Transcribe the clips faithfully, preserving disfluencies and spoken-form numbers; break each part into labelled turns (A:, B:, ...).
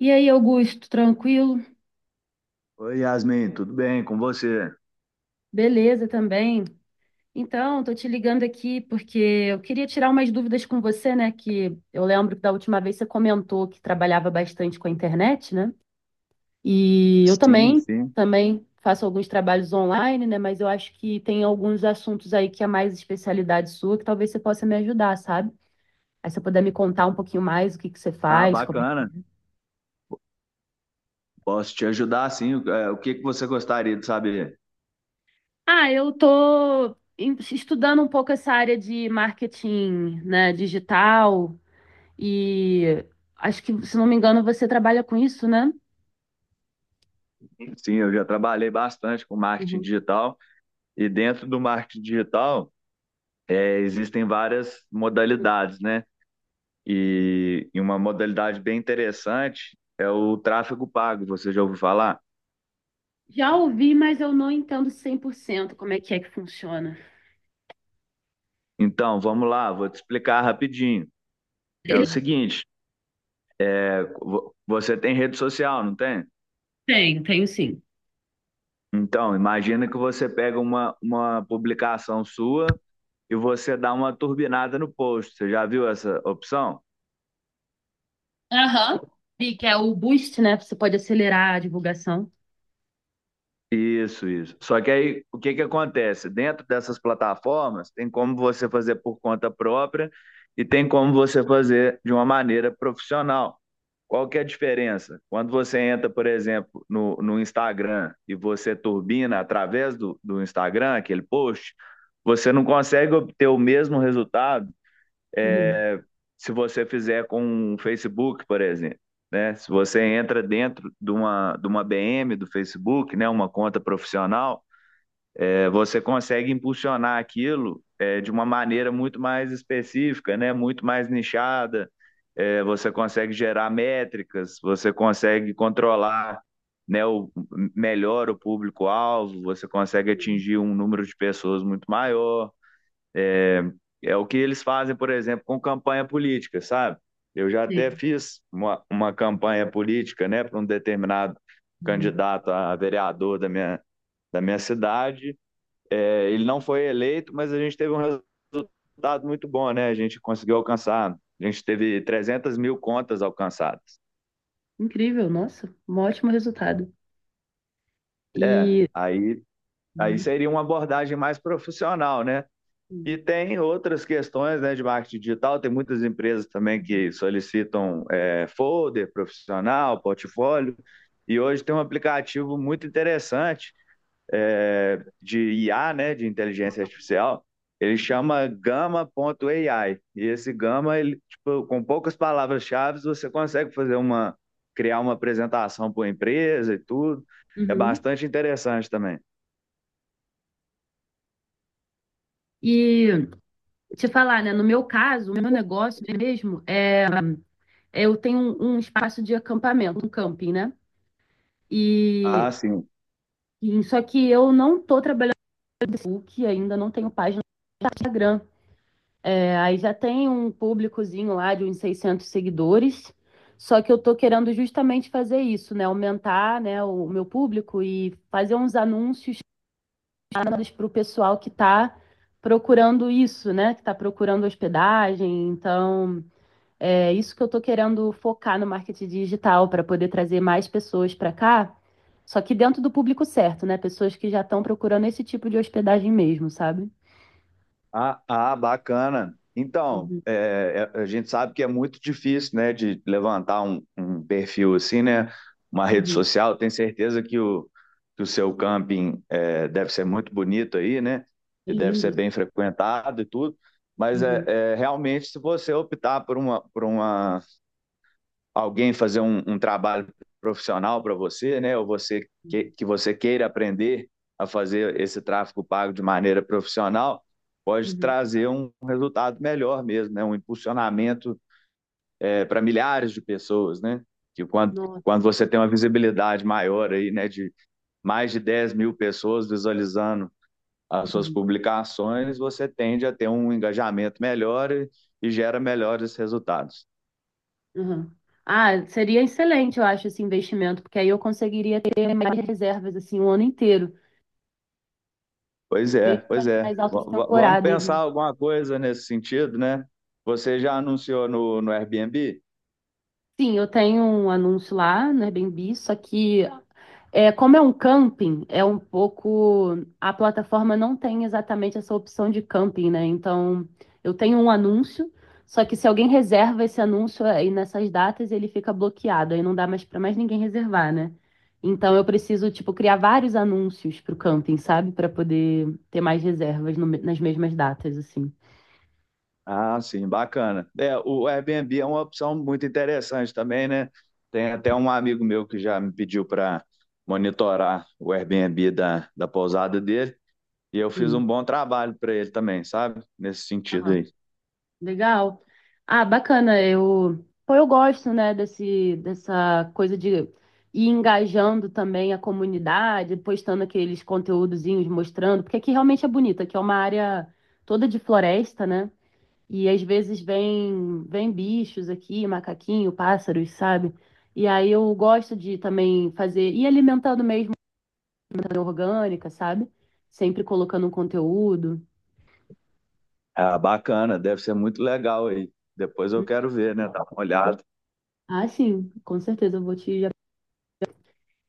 A: E aí, Augusto, tranquilo?
B: Oi, Yasmin, tudo bem com você?
A: Beleza também. Então, tô te ligando aqui porque eu queria tirar umas dúvidas com você, né? Que eu lembro que da última vez você comentou que trabalhava bastante com a internet, né? E eu
B: Sim,
A: também,
B: sim.
A: também faço alguns trabalhos online, né? Mas eu acho que tem alguns assuntos aí que é mais especialidade sua, que talvez você possa me ajudar, sabe? Aí você puder me contar um pouquinho mais o que que você
B: Ah,
A: faz, como é.
B: bacana. Posso te ajudar, sim. O é, o que que você gostaria de saber?
A: Ah, eu tô em- estudando um pouco essa área de marketing, né, digital, e acho que, se não me engano, você trabalha com isso, né?
B: Sim, eu já trabalhei bastante com marketing
A: Uhum.
B: digital e dentro do marketing digital é, existem várias modalidades, né? E, e uma modalidade bem interessante é o tráfego pago. Você já ouviu falar?
A: Já ouvi, mas eu não entendo cem por cento como é que é que funciona.
B: Então, vamos lá, vou te explicar rapidinho. É o seguinte, é, vo- você tem rede social, não tem?
A: Tem, tenho sim.
B: Então, imagina que você pega uma, uma publicação sua e você dá uma turbinada no post. Você já viu essa opção?
A: Aham. E que é o boost, né? Você pode acelerar a divulgação.
B: Isso, isso. Só que aí, o que que acontece? Dentro dessas plataformas, tem como você fazer por conta própria e tem como você fazer de uma maneira profissional. Qual que é a diferença? Quando você entra, por exemplo, no, no Instagram e você turbina através do, do Instagram, aquele post, você não consegue obter o mesmo resultado
A: Uhum.
B: se você fizer com o Facebook, por exemplo, né? Se você entra dentro de uma, de uma B M do Facebook, né? Uma conta profissional, é, você consegue impulsionar aquilo é, de uma maneira muito mais específica, né? Muito mais nichada. É, você consegue gerar métricas, você consegue controlar, né, o, melhor o público-alvo, você consegue
A: Sim.
B: atingir um número de pessoas muito maior. É é o que eles fazem, por exemplo, com campanha política, sabe? Eu já até
A: Sim.
B: fiz uma, uma campanha política, né, para um determinado
A: Uhum.
B: candidato a vereador da minha, da minha cidade. É, ele não foi eleito, mas a gente teve um resultado muito bom, né? A gente conseguiu alcançar, a gente teve trezentas mil contas alcançadas.
A: Incrível, nossa, um ótimo resultado.
B: É,
A: E
B: aí, aí
A: uhum.
B: seria uma abordagem mais profissional, né? E tem outras questões, né, de marketing digital, tem muitas empresas também
A: Uhum.
B: que solicitam é, folder profissional, portfólio, e hoje tem um aplicativo muito interessante é, de I A, né, de inteligência artificial, ele chama Gama ponto gama ponto a i, e esse Gama, ele, tipo, com poucas palavras-chave, você consegue fazer uma, criar uma apresentação para a empresa e tudo, é
A: Uhum.
B: bastante interessante também.
A: E te falar, né? No meu caso, o meu negócio mesmo é, eu tenho um, um espaço de acampamento, um camping, né?
B: Ah,
A: E,
B: sim.
A: e só que eu não tô trabalhando no Facebook, ainda não tenho página no Instagram. É, aí já tem um públicozinho lá de uns seiscentos seguidores. Só que eu tô querendo justamente fazer isso, né? Aumentar, né, o meu público e fazer uns anúncios para o pessoal que tá procurando isso, né? Que tá procurando hospedagem. Então, é isso que eu estou querendo focar no marketing digital para poder trazer mais pessoas para cá, só que dentro do público certo, né? Pessoas que já estão procurando esse tipo de hospedagem mesmo, sabe?
B: Ah, ah, bacana. Então,
A: Uhum,
B: é, é, a gente sabe que é muito difícil, né, de levantar um, um perfil assim, né, uma rede
A: uhum.
B: social. Tenho certeza que o, que o seu camping é, deve ser muito bonito aí, né,
A: É
B: e deve
A: lindo.
B: ser bem frequentado e tudo. Mas é,
A: Uhum,
B: é, realmente, se você optar por uma, por uma alguém fazer um, um trabalho profissional para você, né? Ou você que, que você queira aprender a fazer esse tráfego pago de maneira profissional, pode
A: uhum.
B: trazer um resultado melhor mesmo, né? Um impulsionamento é, para milhares de pessoas, né? Que quando
A: Nossa.
B: quando você tem uma visibilidade maior aí, né, de mais de dez mil pessoas visualizando as suas
A: Uhum,
B: publicações, você tende a ter um engajamento melhor e, e gera melhores resultados.
A: uhum. Ah, seria excelente, eu acho, esse investimento, porque aí eu conseguiria ter mais reservas assim o ano inteiro,
B: Pois é,
A: mesmo
B: pois
A: nas
B: é.
A: nas
B: V-
A: altas
B: v- vamos
A: temporadas,
B: pensar
A: né?
B: alguma coisa nesse sentido, né? Você já anunciou no, no Airbnb?
A: Sim, eu tenho um anúncio lá no Airbnb, só que é, como é um camping, é um pouco. A plataforma não tem exatamente essa opção de camping, né? Então, eu tenho um anúncio, só que se alguém reserva esse anúncio aí nessas datas, ele fica bloqueado, aí não dá mais para mais ninguém reservar, né? Então, eu preciso, tipo, criar vários anúncios para o camping, sabe? Para poder ter mais reservas no me- nas mesmas datas, assim.
B: Ah, sim, bacana. É, o Airbnb é uma opção muito interessante também, né? Tem até um amigo meu que já me pediu para monitorar o Airbnb da, da pousada dele, e eu fiz um
A: Sim.
B: bom trabalho para ele também, sabe? Nesse sentido aí.
A: Legal. Ah, bacana. Eu, pô, eu gosto, né, desse, dessa coisa de ir engajando também a comunidade, postando aqueles conteúdozinhos, mostrando, porque aqui realmente é bonito, aqui é uma área toda de floresta, né? E às vezes vem, vem bichos aqui, macaquinho, pássaros, sabe? E aí eu gosto de também fazer, e alimentando mesmo, alimentação orgânica, sabe? Sempre colocando um conteúdo.
B: Ah, bacana, deve ser muito legal aí. Depois eu quero ver, né? Dar uma olhada.
A: Ah, sim, com certeza eu vou te.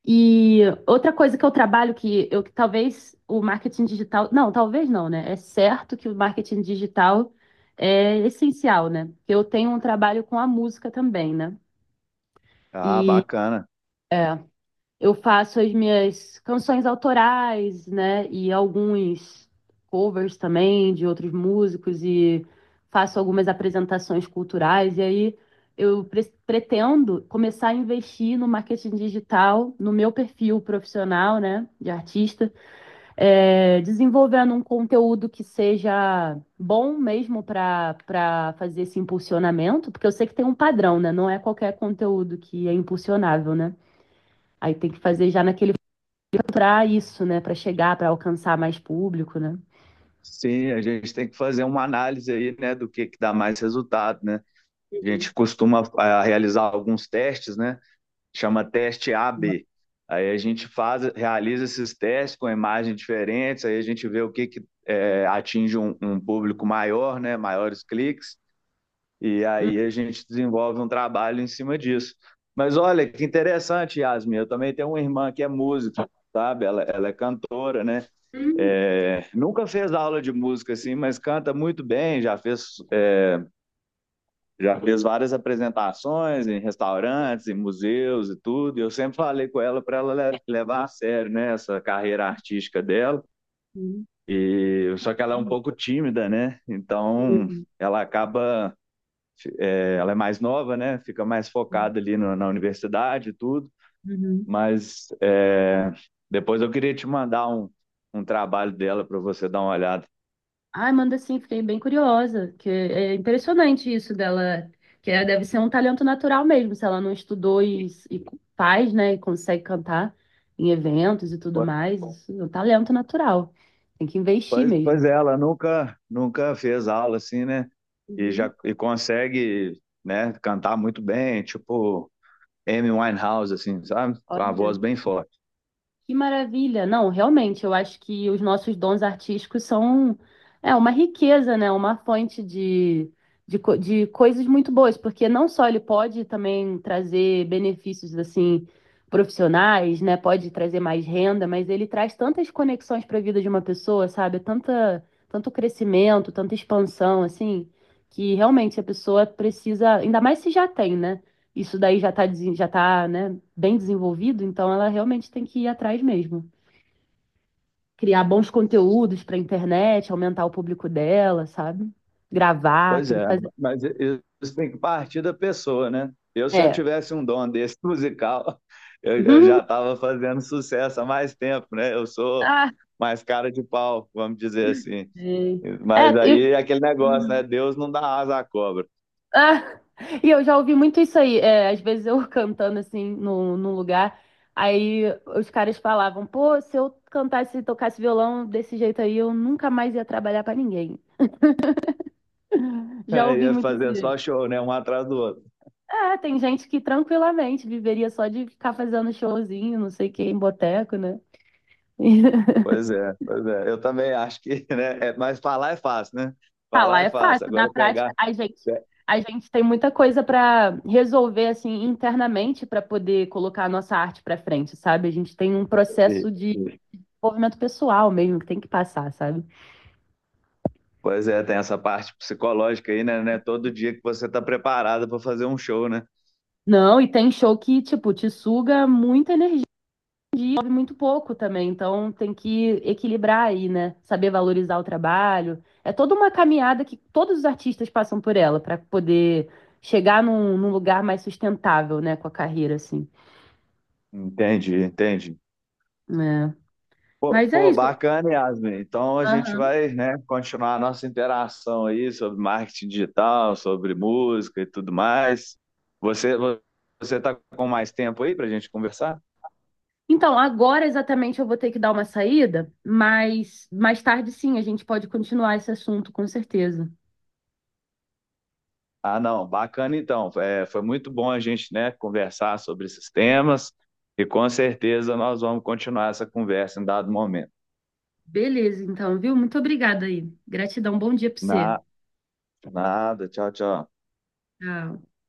A: E outra coisa que eu trabalho, que eu que talvez o marketing digital. Não, talvez não, né? É certo que o marketing digital é essencial, né? Eu tenho um trabalho com a música também, né?
B: Ah, bacana.
A: Eu faço as minhas canções autorais, né? E alguns covers também de outros músicos e faço algumas apresentações culturais. E aí eu pre- pretendo começar a investir no marketing digital, no meu perfil profissional, né? De artista, é, desenvolvendo um conteúdo que seja bom mesmo para para fazer esse impulsionamento, porque eu sei que tem um padrão, né? Não é qualquer conteúdo que é impulsionável, né? Aí tem que fazer já naquele para isso, né? Para chegar, para alcançar mais público, né?
B: Sim, a gente tem que fazer uma análise aí, né, do que que dá mais resultado, né? A
A: Uhum.
B: gente costuma, ah, realizar alguns testes, né? Chama teste A barra B. Aí a gente faz, realiza esses testes com imagens diferentes, aí a gente vê o que que eh, atinge um, um público maior, né? Maiores cliques, e
A: Hum.
B: aí a gente desenvolve um trabalho em cima disso. Mas olha que interessante, Yasmin, eu também tenho uma irmã que é música, sabe? Ela, ela é cantora, né?
A: Uhum.
B: É, nunca fez aula de música assim, mas canta muito bem, já fez, é, já fez várias apresentações em restaurantes, em museus e tudo. E eu sempre falei com ela para ela levar a sério, né, essa carreira artística dela. E só que ela é um
A: Uhum.
B: pouco tímida, né? Então
A: Uhum.
B: ela acaba, é, ela é mais nova, né? Fica mais focada ali no- na universidade e tudo.
A: Uhum.
B: Mas é, depois eu queria te mandar um, um trabalho dela para você dar uma olhada.
A: Ai, manda sim, fiquei bem curiosa, que é impressionante isso dela, que ela deve ser um talento natural mesmo, se ela não estudou e, e faz, né, e consegue cantar em eventos e tudo mais, isso é um talento natural. Tem que investir
B: Pois, pois
A: mesmo.
B: é, ela nunca, nunca fez aula assim, né? E
A: Uhum.
B: já e consegue, né, cantar muito bem, tipo Amy Winehouse, assim, sabe? Com a
A: Olha.
B: voz bem forte.
A: Que maravilha! Não, realmente, eu acho que os nossos dons artísticos são é, uma riqueza, né? Uma fonte de, de, co- de coisas muito boas, porque não só ele pode também trazer benefícios assim profissionais, né? Pode trazer mais renda, mas ele traz tantas conexões para a vida de uma pessoa, sabe? Tanta, tanto crescimento, tanta expansão, assim, que realmente a pessoa precisa, ainda mais se já tem, né? Isso daí já está, já tá, né, bem desenvolvido, então ela realmente tem que ir atrás mesmo. Criar bons conteúdos para internet, aumentar o público dela, sabe? Gravar,
B: Pois
A: tem que
B: é,
A: fazer.
B: mas i- isso tem que partir da pessoa, né? Eu, se eu
A: É.
B: tivesse um dom desse musical, eu, eu já estava fazendo sucesso há mais tempo, né? Eu sou
A: Ah,
B: mais cara de pau, vamos dizer assim.
A: sei. É,
B: Mas
A: e,
B: aí é aquele negócio, né? Deus não dá asa à cobra.
A: ah, e eu já ouvi muito isso aí. É, às vezes eu cantando assim no, num lugar, aí os caras falavam, pô, se eu cantasse e tocasse violão desse jeito aí, eu nunca mais ia trabalhar para ninguém. Já
B: Aí
A: ouvi
B: é
A: muito
B: fazer só
A: isso.
B: show, né? Um atrás do outro.
A: É, tem gente que tranquilamente viveria só de ficar fazendo showzinho, não sei o que, em boteco, né?
B: Pois é, pois é. Eu também acho que, né? É- mas falar é fácil, né?
A: Ah,
B: Falar
A: lá
B: é
A: é
B: fácil.
A: fácil, na
B: Agora pegar.
A: prática, a gente,
B: pe-
A: a gente tem muita coisa para resolver assim internamente para poder colocar a nossa arte para frente, sabe? A gente tem um
B: e-
A: processo de
B: e-
A: desenvolvimento pessoal mesmo que tem que passar, sabe?
B: Pois é, tem essa parte psicológica aí, né? Não é todo dia que você está preparado para fazer um show, né?
A: Não, e tem show que, tipo, te suga muita energia e sobe muito pouco também, então tem que equilibrar aí, né? Saber valorizar o trabalho. É toda uma caminhada que todos os artistas passam por ela para poder chegar num, num lugar mais sustentável, né, com a carreira, assim.
B: Entendi, entendi.
A: É.
B: Pô,
A: Mas é
B: pô,
A: isso.
B: bacana, Yasmin. Então a gente
A: Aham.
B: vai, né, continuar a nossa interação aí sobre marketing digital, sobre música e tudo mais. Você, você está com mais tempo aí para a gente conversar?
A: Então, agora exatamente eu vou ter que dar uma saída, mas mais tarde sim a gente pode continuar esse assunto, com certeza.
B: Ah, não, bacana então. É, foi muito bom a gente, né, conversar sobre esses temas e com certeza nós vamos continuar essa conversa em dado momento.
A: Beleza, então, viu? Muito obrigada aí. Gratidão, bom dia para
B: Na,
A: você.
B: nada, tchau, tchau.
A: Tchau.